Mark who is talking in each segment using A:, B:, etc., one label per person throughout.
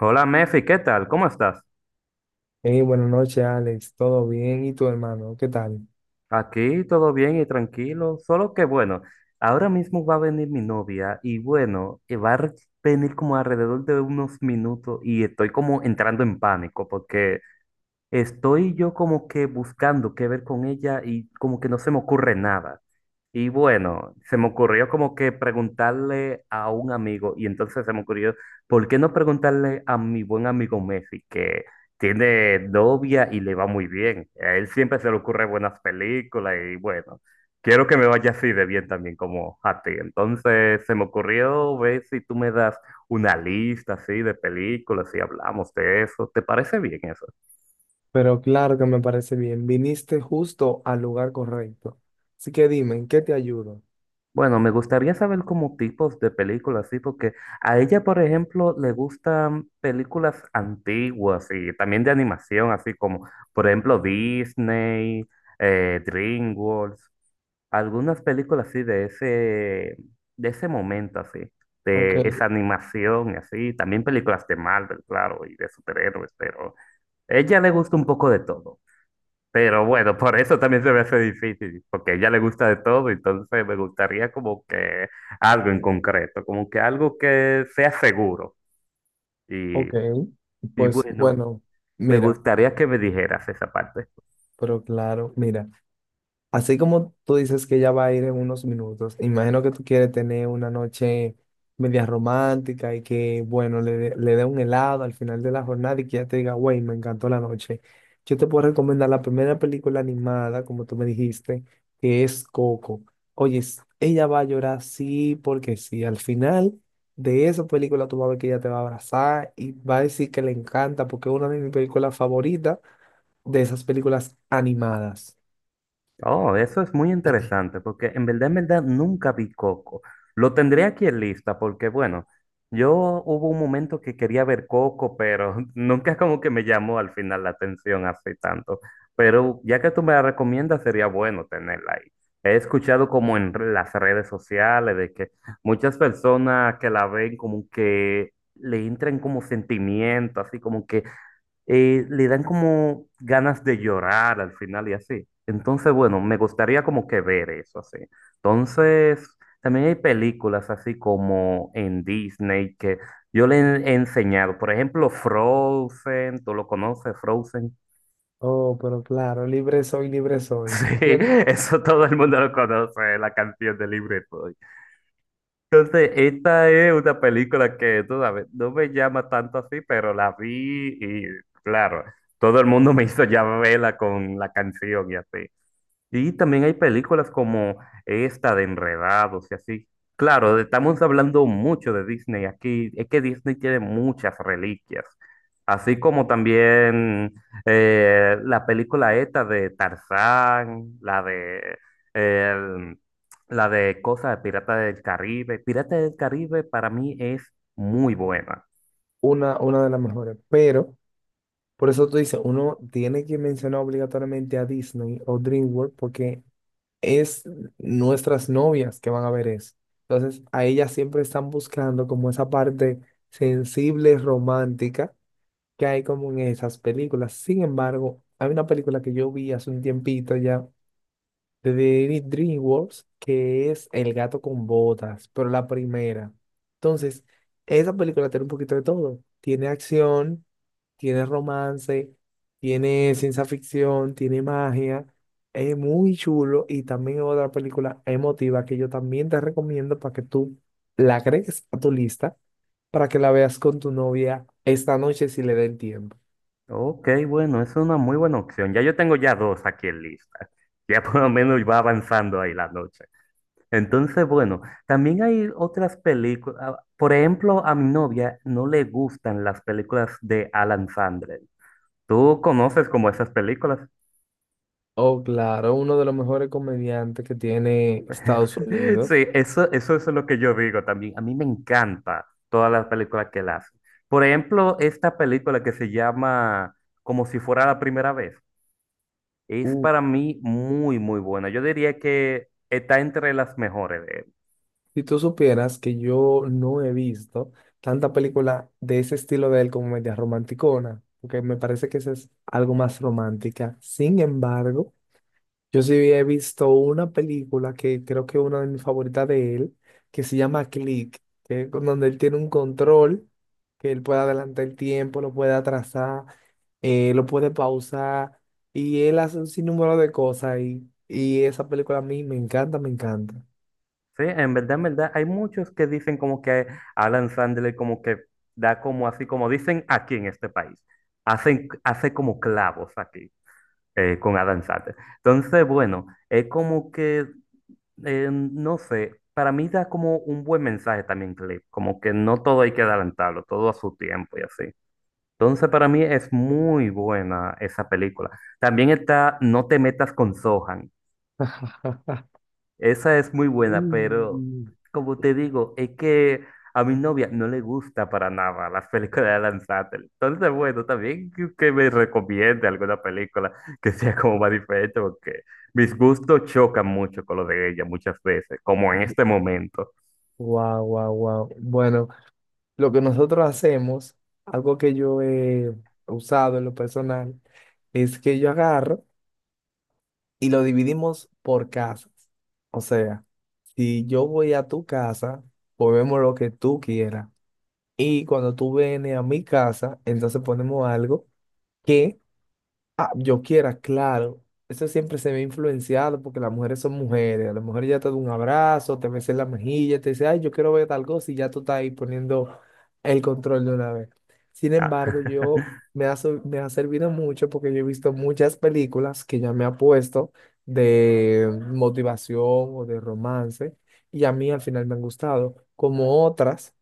A: Hola Mefi, ¿qué tal? ¿Cómo estás?
B: Hey, buenas noches, Alex. ¿Todo bien? ¿Y tu hermano? ¿Qué tal?
A: Aquí todo bien y tranquilo, solo que bueno, ahora mismo va a venir mi novia y bueno, va a venir como alrededor de unos minutos y estoy como entrando en pánico porque estoy yo como que buscando qué ver con ella y como que no se me ocurre nada. Y bueno, se me ocurrió como que preguntarle a un amigo y entonces se me ocurrió, ¿por qué no preguntarle a mi buen amigo Messi que tiene novia y le va muy bien? A él siempre se le ocurre buenas películas y bueno, quiero que me vaya así de bien también como a ti. Entonces se me ocurrió ver si tú me das una lista así de películas y hablamos de eso. ¿Te parece bien eso?
B: Pero claro que me parece bien. Viniste justo al lugar correcto. Así que dime, ¿en qué te ayudo?
A: Bueno, me gustaría saber como tipos de películas, sí, porque a ella, por ejemplo, le gustan películas antiguas y también de animación, así como, por ejemplo, Disney, DreamWorks, algunas películas así de ese momento, así,
B: Ok,
A: de esa animación y así, también películas de Marvel, claro, y de superhéroes, pero a ella le gusta un poco de todo. Pero bueno, por eso también se me hace difícil, porque a ella le gusta de todo, entonces me gustaría como que algo en concreto, como que algo que sea seguro. Y,
B: ok.
A: y
B: Pues
A: bueno,
B: bueno,
A: me
B: mira,
A: gustaría que me dijeras esa parte.
B: pero claro, mira. Así como tú dices que ella va a ir en unos minutos, imagino que tú quieres tener una noche media romántica y que, bueno, le dé un helado al final de la jornada y que ella te diga, güey, me encantó la noche. Yo te puedo recomendar la primera película animada, como tú me dijiste, que es Coco. Oye, ella va a llorar sí porque sí. Al final de esa película tú vas a ver que ella te va a abrazar y va a decir que le encanta porque es una de mis películas favoritas de esas películas animadas.
A: Oh, eso es muy interesante porque en verdad nunca vi Coco. Lo tendré aquí en lista porque, bueno, yo hubo un momento que quería ver Coco, pero nunca como que me llamó al final la atención así tanto. Pero ya que tú me la recomiendas, sería bueno tenerla ahí. He escuchado como en las redes sociales de que muchas personas que la ven como que le entran como sentimiento, así como que le dan como ganas de llorar al final y así. Entonces, bueno, me gustaría como que ver eso así. Entonces, también hay películas así como en Disney que yo le he enseñado. Por ejemplo, Frozen, ¿tú lo conoces, Frozen?
B: Oh, pero claro, libre soy, libre soy.
A: Sí,
B: Bien,
A: eso todo el mundo lo conoce, la canción de Libre Soy. Entonces, esta es una película que, tú sabes, no me llama tanto así, pero la vi y, claro, todo el mundo me hizo ya verla con la canción y así. Y también hay películas como esta de Enredados y así. Claro, estamos hablando mucho de Disney aquí. Es que Disney tiene muchas reliquias. Así como también la película esta de Tarzán, la de, el- la de Cosa de Pirata del Caribe. Pirata del Caribe para mí es muy buena.
B: una de las mejores. Pero, por eso tú dices, uno tiene que mencionar obligatoriamente a Disney o DreamWorks porque es nuestras novias que van a ver eso. Entonces, a ellas siempre están buscando como esa parte sensible, romántica que hay como en esas películas. Sin embargo, hay una película que yo vi hace un tiempito ya de David DreamWorks, que es El gato con botas, pero la primera. Entonces, esa película tiene un poquito de todo. Tiene acción, tiene romance, tiene ciencia ficción, tiene magia. Es muy chulo y también otra película emotiva que yo también te recomiendo para que tú la agregues a tu lista para que la veas con tu novia esta noche si le da el tiempo.
A: Ok, bueno, es una muy buena opción. Ya yo tengo ya dos aquí en lista. Ya por lo menos va avanzando ahí la noche. Entonces, bueno, también hay otras películas. Por ejemplo, a mi novia no le gustan las películas de Alan Sandler. ¿Tú conoces como esas películas?
B: Oh, claro, uno de los mejores comediantes que tiene Estados Unidos.
A: Sí, eso es lo que yo digo también. A mí me encanta todas las películas que él hace. Por ejemplo, esta película que se llama Como si fuera la primera vez, es para mí muy, muy buena. Yo diría que está entre las mejores.
B: Si tú supieras que yo no he visto tanta película de ese estilo de él como media romanticona, porque me parece que esa es algo más romántica. Sin embargo, yo sí he visto una película que creo que es una de mis favoritas de él, que se llama Click, donde él tiene un control, que él puede adelantar el tiempo, lo puede atrasar, lo puede pausar, y él hace un sinnúmero de cosas, y esa película a mí me encanta, me encanta.
A: Sí, en verdad, hay muchos que dicen como que Alan Sandler como que da como así, como dicen aquí en este país, hacen, hace como clavos aquí con Alan Sandler. Entonces, bueno, es como que, no sé, para mí da como un buen mensaje también, Clip, como que no todo hay que adelantarlo, todo a su tiempo y así. Entonces, para mí es muy buena esa película. También está No te metas con Sohan. Esa es muy buena, pero
B: Mm.
A: como te digo, es que a mi novia no le gusta para nada las películas de Alan Satter. Entonces, bueno, también que me recomiende alguna película que sea como más diferente, porque mis gustos chocan mucho con los de ella muchas veces, como en este momento.
B: Wow, wow, wow. Bueno, lo que nosotros hacemos, algo que yo he usado en lo personal, es que yo agarro y lo dividimos por casas. O sea, si yo voy a tu casa, ponemos lo que tú quieras. Y cuando tú vienes a mi casa, entonces ponemos algo que… Ah, yo quiera, claro. Eso siempre se ve influenciado porque las mujeres son mujeres. A la mujer ya te da un abrazo, te besa en la mejilla, te dice, ay, yo quiero ver tal cosa y ya tú estás ahí poniendo el control de una vez. Sin
A: Ah,
B: embargo, yo me ha, so- me ha servido mucho porque yo he visto muchas películas que ya me ha puesto de motivación o de romance y a mí al final me han gustado, como otras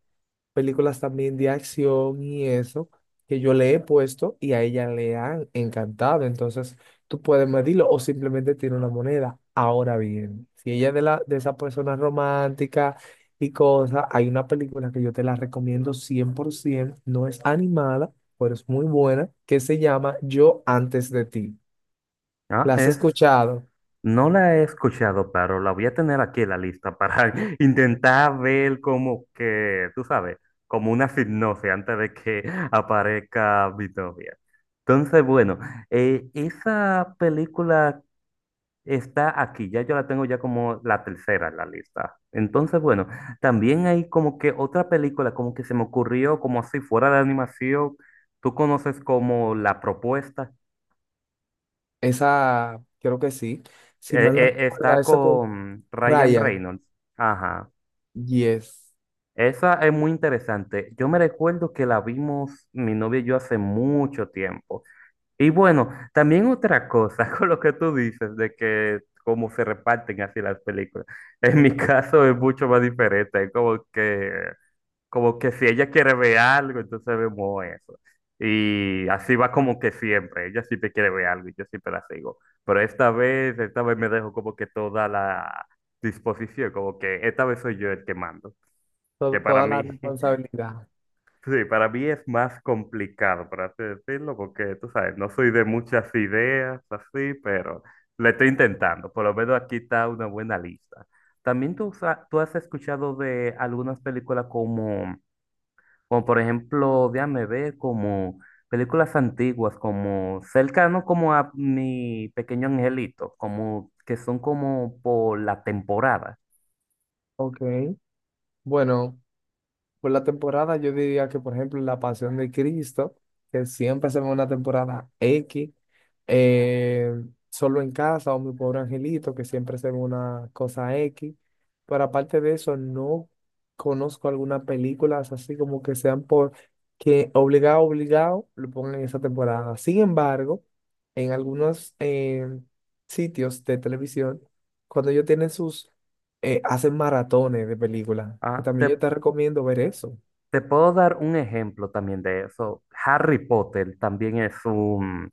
B: películas también de acción y eso que yo le he puesto y a ella le han encantado. Entonces, tú puedes medirlo o simplemente tiene una moneda. Ahora bien, si ella es de la de esa persona romántica y cosas, hay una película que yo te la recomiendo 100%, no es animada, pero es muy buena, que se llama Yo antes de ti.
A: ah,
B: ¿La has
A: es.
B: escuchado?
A: No la he escuchado, pero la voy a tener aquí en la lista para intentar ver como que, tú sabes, como una hipnosis antes de que aparezca mi novia. Entonces, bueno, esa película está aquí, ya yo la tengo ya como la tercera en la lista. Entonces, bueno, también hay como que otra película como que se me ocurrió como si fuera de animación. Tú conoces como La Propuesta.
B: Esa, creo que sí. Si mal no recuerdo,
A: Está
B: esa con
A: con Ryan
B: Ryan.
A: Reynolds. Ajá.
B: Yes.
A: Esa es muy interesante. Yo me recuerdo que la vimos mi novia y yo hace mucho tiempo. Y bueno, también otra cosa con lo que tú dices de que cómo se reparten así las películas. En mi caso es mucho más diferente. Es como que, como que si ella quiere ver algo, entonces vemos eso. Y así va como que siempre. Ella siempre quiere ver algo y yo siempre la sigo. Pero esta vez me dejo como que toda la disposición, como que esta vez soy yo el que mando, que para
B: Toda la
A: mí
B: responsabilidad.
A: sí, para mí es más complicado, por así decirlo, porque tú sabes, no soy de muchas ideas así, pero le estoy intentando. Por lo menos aquí está una buena lista. También tú, tú has escuchado de algunas películas como, como por ejemplo, déjame ver, como películas antiguas, como cercano como a Mi Pequeño Angelito, como que son como por la temporada.
B: Ok, bueno, por la temporada yo diría que, por ejemplo, La Pasión de Cristo, que siempre se ve una temporada X, eh, Solo en Casa o Mi Pobre Angelito, que siempre se ve una cosa X, pero aparte de eso, no conozco algunas películas así como que sean por que obligado, obligado, lo pongan en esa temporada. Sin embargo, en algunos sitios de televisión, cuando ellos tienen sus hacen maratones de películas. Que
A: Ah, te,
B: También yo te recomiendo ver eso.
A: Te puedo dar un ejemplo también de eso. Harry Potter también es un,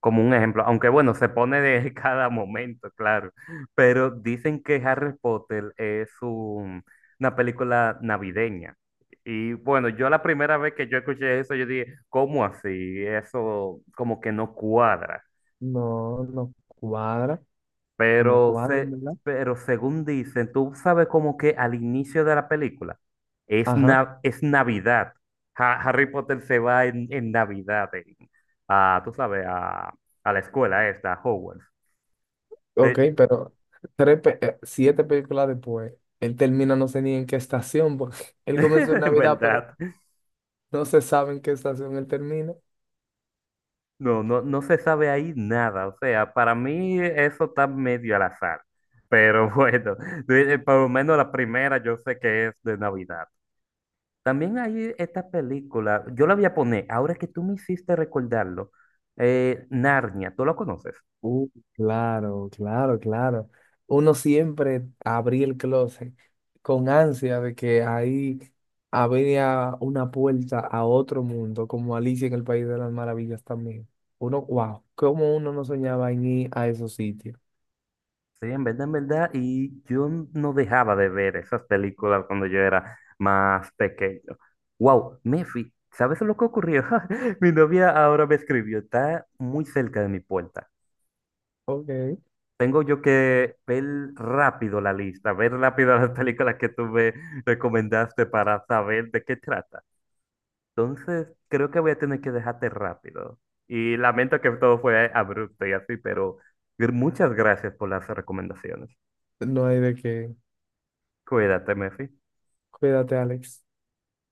A: como un ejemplo, aunque bueno, se pone de cada momento, claro, pero dicen que Harry Potter es una película navideña. Y bueno, yo la primera vez que yo escuché eso, yo dije, ¿cómo así? Eso como que no cuadra.
B: No, no cuadra, no
A: Pero,
B: cuadra,
A: se,
B: ¿verdad?
A: pero según dicen, tú sabes como que al inicio de la película es,
B: Ajá,
A: es Navidad. Harry Potter se va en Navidad, en- a, tú sabes, a la escuela esta, a Hogwarts.
B: ok,
A: Te-
B: pero siete películas después, él termina no sé ni en qué estación, porque él comenzó en
A: En
B: Navidad, pero
A: verdad,
B: no se sabe en qué estación él termina.
A: no se sabe ahí nada. O sea, para mí eso está medio al azar. Pero bueno, por lo menos la primera yo sé que es de Navidad. También hay esta película, yo la voy a poner, ahora que tú me hiciste recordarlo, Narnia, ¿tú lo conoces?
B: Uh, claro, claro, claro. Uno siempre abría el closet con ansia de que ahí había una puerta a otro mundo, como Alicia en el País de las Maravillas también. Uno, wow, cómo uno no soñaba en ir a esos sitios.
A: Sí, en verdad, y yo no dejaba de ver esas películas cuando yo era más pequeño. Wow, Mefi, ¿sabes lo que ocurrió? Mi novia ahora me escribió, está muy cerca de mi puerta.
B: Ok,
A: Tengo yo que ver rápido la lista, ver rápido las películas que tú me recomendaste para saber de qué trata. Entonces, creo que voy a tener que dejarte rápido. Y lamento que todo fue abrupto y así, pero muchas gracias por las recomendaciones.
B: no hay de qué.
A: Cuídate, Mefi.
B: Cuídate, Alex.